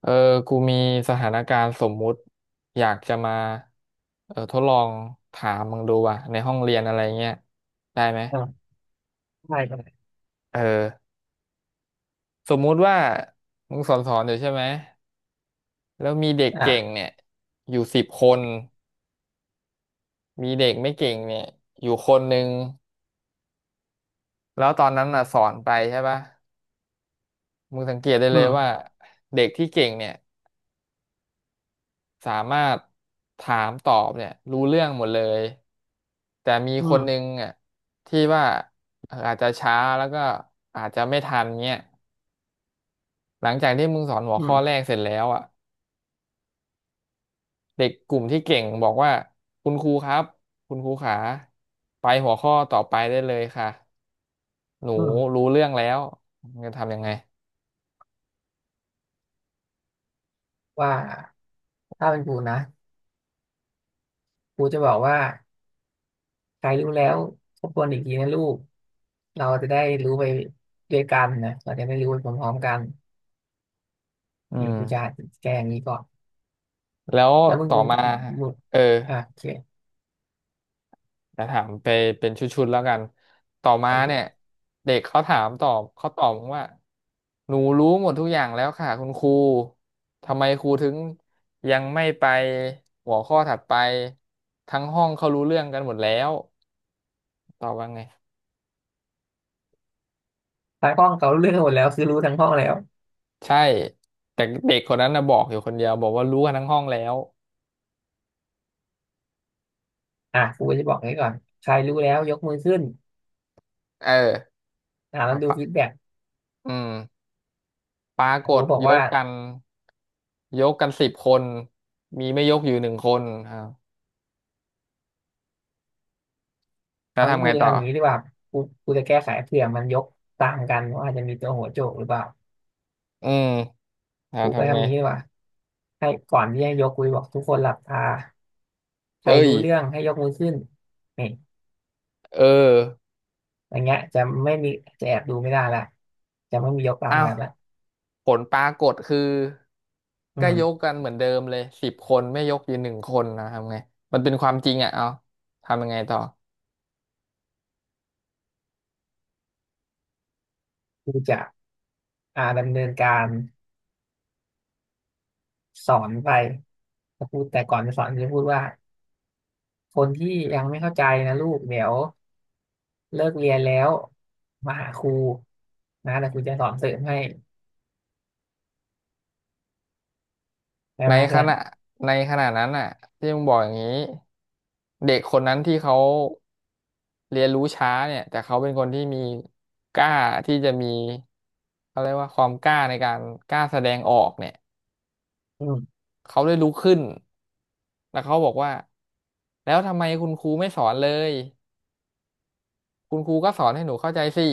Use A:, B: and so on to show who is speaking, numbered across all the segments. A: เออกูมีสถานการณ์สมมุติอยากจะมาทดลองถามมึงดูว่ะในห้องเรียนอะไรเงี้ยได้ไหม
B: อ่าได้ได้
A: เออสมมุติว่ามึงสอนอยู่ใช่ไหมแล้วมีเด็กเก่ง
B: อ่า
A: เนี่ยอยู่สิบคนมีเด็กไม่เก่งเนี่ยอยู่คนหนึ่งแล้วตอนนั้นอ่ะสอนไปใช่ปะมึงสังเกตได้
B: อื
A: เลยว่า
B: ม
A: เด็กที่เก่งเนี่ย สามารถถามตอบเนี่ยรู้เรื่องหมดเลยแต่มี
B: อื
A: คนหนึ่
B: ม
A: งอ่ะที่ว่าอาจจะช้าแล้วก็อาจจะไม่ทันเงี้ยหลังจากที่มึงสอนหัว
B: อื
A: ข้อแรก
B: ม
A: เสร็จแล้วอ่ะเด็กกลุ่มที่เก่งบอกว่าคุณครูครับคุณครูขาไปหัวข้อต่อไปได้เลยค่ะหนู
B: อืม
A: รู้เรื่องแล้วมึงจะทำยังไง
B: ว่าถ้าเป็นกูนะกูจะบอกว่าใครรู้แล้วทบทวนอีกทีนะลูกเราจะได้รู้ไปด้วยกันนะเราจะได้รู้ไปพร้อมๆกัน
A: อื
B: นี่กูจะ
A: ม
B: แก้อย่างนี้ก่อน
A: แล้ว
B: แล้วมึง
A: ต่อ
B: มึง
A: มา
B: มึง
A: เออ
B: โอเค
A: แจะถามไปเป็นชุดๆแล้วกันต่อมา
B: โอ
A: เนี่ย
B: เค
A: เด็กเขาถามตอบเขาตอบว่าหนูรู้หมดทุกอย่างแล้วค่ะคุณครูทำไมครูถึงยังไม่ไปหัวข้อถัดไปทั้งห้องเขารู้เรื่องกันหมดแล้วตอบว่าไง
B: ทางห้องเขารู้เรื่องหมดแล้วคือรู้ทั้งห้องแล้ว
A: ใช่แต่เด็กคนนั้นนะบอกอยู่คนเดียวบอกว่ารู้กันทั้งห้องแล้ว
B: อ่ะกูก็จะบอกอย่นี้ก่อนใครรู้แล้วยกมือขึ้น
A: เออ
B: แล้
A: เอา
B: วดู
A: ปะ
B: ฟีดแบ็ก
A: อืมปราก
B: กู
A: ฏ
B: ก็บอก
A: ย
B: ว่า
A: กกันยกกันสิบคนมีไม่ยกอยู่หนึ่งคนครับแล้ว
B: เอางี้
A: ทำไง
B: กูจะ
A: ต่อ
B: ทำอย่างนี้ดีกว่ากูกูจะแก้ไขเผื่อมันยกตางกันว่าอาจจะมีตัวหัวโจกหรือเปล่า
A: อืม เรา
B: ครูก็
A: ทำไง
B: ทำอย่างนี้ดีกว่าให้ก่อนที่ให้ยกคุยบอกทุกคนหลับตาใคร
A: เอ้ย
B: รู้เรื่องให้ยกมือขึ้นนี่
A: เออ
B: อย่างเงี้ยจะไม่มีจะแอบดูไม่ได้ละจะไม่มียกตาม
A: อ้าว
B: กันละ
A: ผลปรากฏคือ
B: อื
A: ก็ยก
B: ม
A: กันเหมือนเดิมเลยสิบคนไม่ยกอยู่หนึ่งคนนะทำไงมันเป็นความจริงอ่ะเอาทำยังไงต่อ
B: ครูจะดำเนินการสอนไปแล้วครูดแต่ก่อนจะสอนจะพูดว่าคนที่ยังไม่เข้าใจนะลูกเดี๋ยวเลิกเรียนแล้วมาหาครูนะแต่ครูจะสอนเสริมให้ได้
A: ใน
B: ไหม
A: ข
B: เพื่อน
A: ณะในขณะนั้นอ่ะที่มึงบอกอย่างนี้เด็กคนนั้นที่เขาเรียนรู้ช้าเนี่ยแต่เขาเป็นคนที่มีกล้าที่จะมีเขาเรียกว่าความกล้าในการกล้าแสดงออกเนี่ย
B: อืม
A: เขาได้ลุกขึ้นแล้วเขาบอกว่าแล้วทำไมคุณครูไม่สอนเลย คุณครูก็สอนให้หนูเข้าใจสิ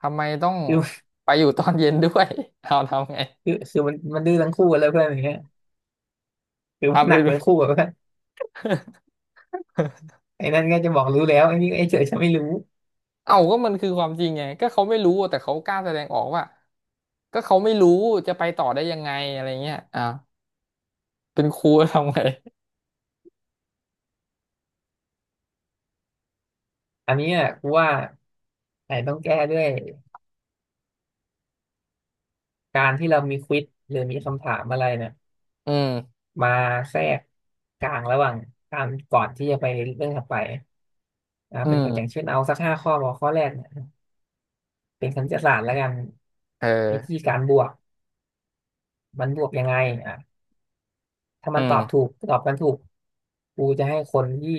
A: ทำไมต้อง
B: คือ
A: ไปอยู่ ตอนเย็นด้วย เอาทำไง
B: คือมันดื้อทั้งคู่กันเลยเพื่อนอย่างเงี้ยคือมั
A: เอา
B: น
A: ไป
B: หนัก
A: ดู
B: ทั้งคู่ อะ ไอ้นั่นก็จะบอกรู้แล้วไอ้นี่ไอ้เฉยฉันไม่รู้
A: เอาก็มันคือความจริงไงก็เขาไม่รู้แต่เขากล้าแสดงออกว่าก็เขาไม่รู้ จะไปต่อได้ยังไงอะไรเงี้ยอ่ะเป็นครูทำไง
B: อันนี้อ่ะกูว่าไอ้ต้องแก้ด้วยการที่เรามีควิซหรือมีคำถามอะไรเนี่ย
A: อืม
B: มาแทรกกลางระหว่างการก่อนที่จะไปเรื่องถัดไป
A: อื
B: เป็นอย่าง
A: ม
B: เช่นเอาสักห้าข้อบอกข้อแรกเนี่ยเป็นคณิตศาสตร์แล้วกัน
A: เอ
B: วิธี
A: อ
B: การบวก มันบวกยังไงอ่ะถ้า
A: อื
B: มันต
A: ม
B: อบถูกตอบมันถูกกูจะให้คนที่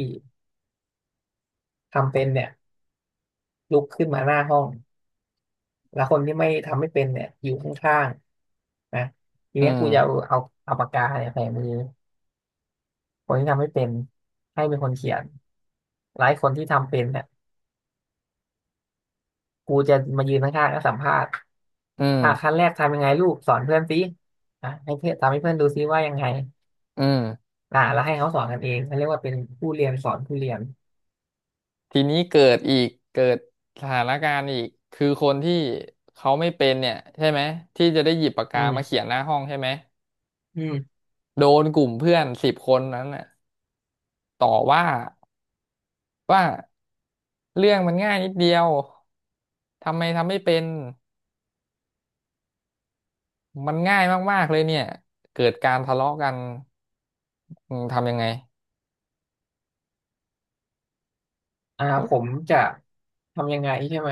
B: ทำเป็นเนี่ยลุกขึ้นมาหน้าห้อง แล้วคนที่ไม่ทำไม่เป็นเนี่ยอยู่ข้าง นะที
A: อื
B: เนี้ยกูจะเอา
A: ม
B: เอาเอาปากกาเนี่ยแฝงมือคนที่ทำไม่เป็นให้เป็นคนเขียนหลายคนที่ทำเป็นเนี่ยกูจะมายืนข้างๆแล้วสัมภาษณ์
A: อืม
B: อ่ะขั้นแรกทำยังไงลูกสอนเพื่อนสิอ่ะให้เพื่อนทำให้เพื่อนดูซิว่ายังไง
A: อืม
B: อ่ะแล้วให้เขาสอนกันเองเขาเรียกว่าเป็นผู้เรียนสอนผู้เรียน
A: ทีนี้เกิดสถานการณ์อีกคือคนที่เขาไม่เป็นเนี่ยใช่ไหม ที่จะได้หยิบปาก
B: อื
A: กา
B: ม
A: มาเขียนหน้าห้องใช่ไหม
B: อืม
A: โดนกลุ่มเพื่อน10 คนนั้นน่ะต่อว่าว่าเรื่องมันง่ายนิดเดียวทำไมทำไม่เป็นมันง่ายมากๆเลยเนี่ยเกิดการทะเลาะกันอืมทำยังไง
B: ผม จะทำยังไงใช่ไหม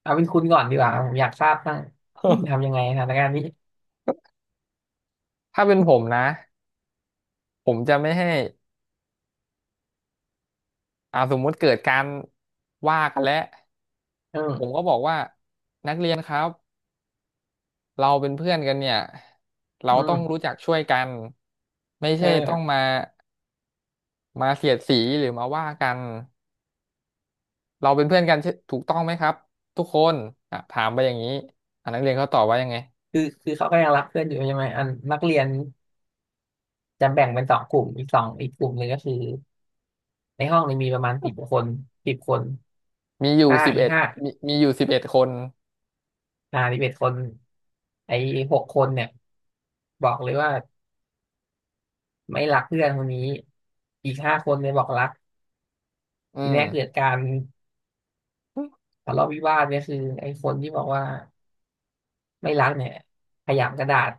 B: เอาเป็นคุณก่อนดีกว่าผมอยากทราบบ้างคุณทำยังไงสถานการณ์นี้
A: ถ้าเป็นผมนะผมจะไม่ให้อ่าสมมุติเกิดการว่ากันแล้ว
B: อื
A: ผมก็
B: ม
A: บอกว่านักเรียนครับเราเป็นเพื่อนกันเนี่ยเรา
B: อื
A: ต้องรู้
B: ม
A: จักช่วยกันไม่
B: เอ
A: ใช่ต้องมา
B: อ
A: เสียดสีหรือมาว่ากัน เราเป็นเพื่อนกันใช่ถูกต้องไหมครับทุกคนอ่ะถามไปอย่างนี้อ่ะนักเรียนเขาตอบว่ายังไง
B: คือเขาก็ยังรักเพื่อนอยู่ใช่ไหมอันนักเรียนจะแบ่งเป็นสองกลุ่มอีกสองอีกกลุ่มหนึ่งก็คือในห้องนี้มีประมาณสิบคนสิบคน
A: มีอยู่
B: ห้า
A: สิบ
B: อีก
A: เอ็ด
B: ห้า
A: มีอยู่11 คน
B: 11 คนไอ้หกคนเนี่ยบอกเลยว่าไม่รักเพื่อนคนนี้อีกห้าคนเนี่ยบอกรัก
A: อื
B: ที
A: ม
B: นี้เกิดการทะเลาะวิวาทเนี่ยคือไอ้คนที่บอกว่าไม่รักเนี่ยขยำกระดาษ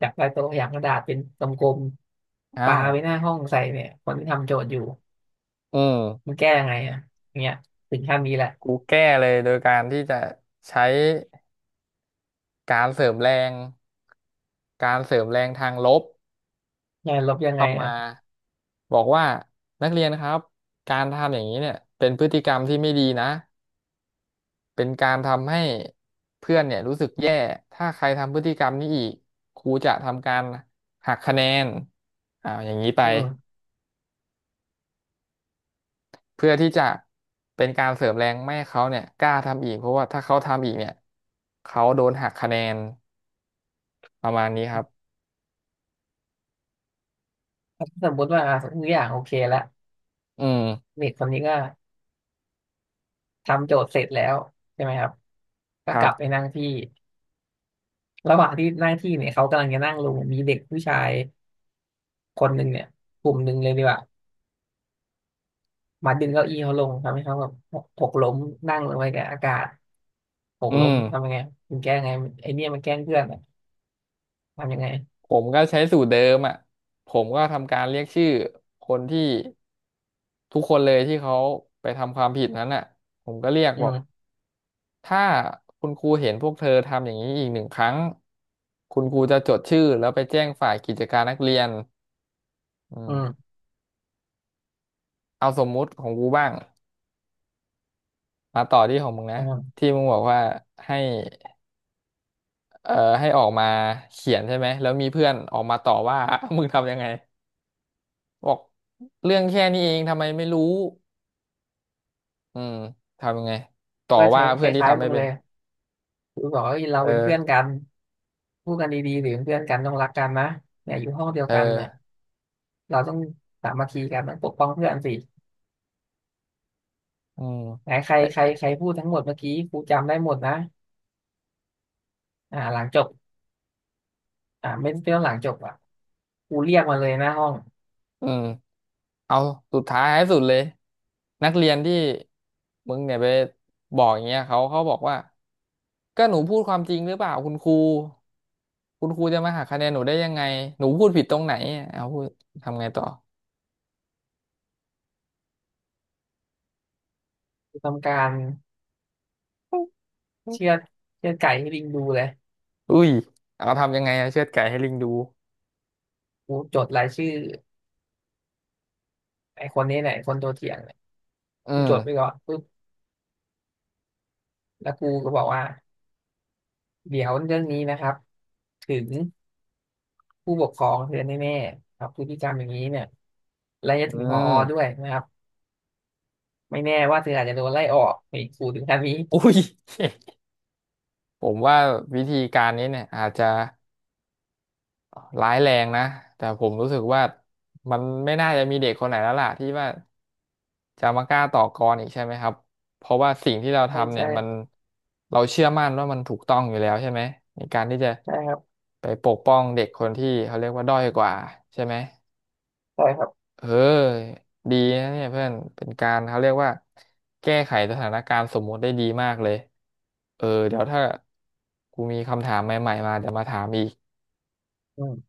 B: จากใต้โต๊ะขยำกระดาษเป็นกลมๆ
A: อ้า
B: ปา
A: ว
B: ไปหน้าห้องใส่เนี่ยคนที่ทำโจทย์อยู่
A: อืม
B: มันแก้ยังไงอ่ะอย่างเงี้ยถึงขั้นนี้แหละ
A: กูแก้เลยโดยการที่จะใช้การเสริมแรงการเสริมแรงทางลบ
B: งานลบยังไง
A: เข้า
B: อ่ะ
A: มาบอกว่านักเรียนครับการทำอย่างนี้เนี่ยเป็นพฤติกรรมที่ไม่ดีนะ เป็นการทำให้เพื่อนเนี่ยรู้สึกแย่ถ้าใครทำพฤติกรรมนี้อีกครูจะทำการหักคะแนนอ่าอย่างนี้ไป
B: อืม
A: เพื่อที่จะเป็นการเสริมแรงไม่ให้เขาเนี่ยกล้าทำอีกเพราะว่าถ้าเขาทำอีกเนี่ยเขาโดนหักคะแนนประมาณนี้ครับ
B: ถ้าสมมติว่าอ่ะทุกอย่างโอเคละ
A: อืม
B: เด็กคนนี้ก็ทำโจทย์เสร็จแล้วใช่ไหมครับ
A: ค
B: ก็ก
A: รั
B: ลับไป
A: บ
B: นั่งที่ระหว่างที่นั่งที่เนี่ยเขากำลังจะนั่งลงมีเด็กผู้ชายคนหนึ่งเนี่ยกลุ่มหนึ่งเลยดีกว่ามาดึงเก้าอี้เขาลงทำให้เขาแบบหกล้มนั่งลงไปกับอากาศหก
A: อื
B: ล้ม
A: ม
B: ทำยังไงมันแก้ไงมันไอเนี่ยมันแกล้งเพื่อนอะทำยังไง
A: ผมก็ใช้สูตรเดิมอ่ะผมก็ทำการเรียกชื่อคนที่ทุกคนเลยที่เขาไปทำความผิดนั้นอ่ะผมก็เรียก
B: อื
A: บอก
B: ม
A: ถ้าคุณครูเห็นพวกเธอทำอย่างนี้อีกหนึ่งครั้งคุณครูจะจดชื่อแล้วไปแจ้งฝ่ายกิจการนักเรียนอื
B: อื
A: ม
B: ม
A: เอาสมมุติของกูบ้างมาต่อที่ของมึงนะ
B: อืม
A: ที่มึงบอกว่าให้เอ่อให้ออกมาเขียนใช่ไหมแล้วมีเพื่อนออกมาต่อว่า มึงทำยังไงบอกเรื่องแค่นี้เองทำไมไม่รู้อืมทำยังไงต่อ
B: ก็
A: ว่า
B: ใช้ค
A: เพื่อนที่
B: ล้าย
A: ทำ
B: ๆ
A: ไม่
B: มึง
A: เป็
B: เล
A: น
B: ยกูบอกว่าเรา
A: เอ
B: เป็น
A: อ
B: เพื่อนกันพูดกันดีๆหรือเป็นเพื่อนกันต้องรักกันนะเนี่ยอยู่ห้องเดียว
A: เออ
B: กันเนี่ย เราต้องสามัคคีกันต้องปกป้องเพื่อนสิ
A: อืม
B: ไหนใครใครใครพูดทั้งหมดเมื่อกี้ครูจำได้หมดนะอ่าหลังจบไม่ไม่ต้องหลังจบอ่ะครูเรียกมาเลยหน้าห้อง
A: เออเอาสุดท้ายให้สุดเลยนักเรียนที่มึงเนี่ยไปบอกอย่างเงี้ยเขาเขาบอกว่าก็หนูพูดความจริงหรือเปล่าคุณครูคุณครูจะมาหักคะแนนหนูได้ยังไงหนูพูดผิดตรงไหนเอาพูดทำไงต่อ
B: ครูทำการเชือดเชือดไก่ให้ลิงดูเลย
A: อุ้ยเอาทำยังไงอะเชือดไก่ให้ลิงดู
B: ครูจดรายชื่อไอ้คนนี้เนี่ยไอ้คนตัวเถียงเนี่ย
A: อื
B: ครูจ
A: ม
B: ดไปก่อนปุ๊บแล้วครูก็บอกว่าเดี๋ยวเรื่องนี้นะครับถึงผู้ปกครองเธอแน่ๆครับพฤติกรรมอย่างนี้เนี่ยและจะ
A: อื
B: ถึงผอด้ว
A: ม
B: ยนะครับไม่แน่ว่าเธออาจจะโดนไล่ออกในครูถึงขั้นนี้
A: อุ้ย ผมว่าวิธีการนี้เนี่ยอาจจะร้ายแรงนะแต่ผมรู้สึกว่ามันไม่น่าจะมีเด็กคนไหนแล้วล่ะที่ว่า จะมากล้าต่อกรอีกใช่ไหมครับเพราะว่าสิ่งที่เรา
B: ใช่
A: ทำเนี่
B: ใช่
A: ยมันเราเชื่อมั่นว่ามันถูกต้องอยู่แล้วใช่ไหมในการที่จะ
B: ใช่ครับ
A: ไปปกป้องเด็กคนที่เขาเรียกว่าด้อยกว่าใช่ไหม
B: ใช่ครับ
A: เออดีนะเนี่ยเพื่อนเป็นการเขาเรียกว่าแก้ไขสถานการณ์สมมุติได้ดีมากเลยเออเดี๋ยวถ้ากูมีคำถามใหม่ๆมาเดี๋ยวมาถามอีก
B: อืม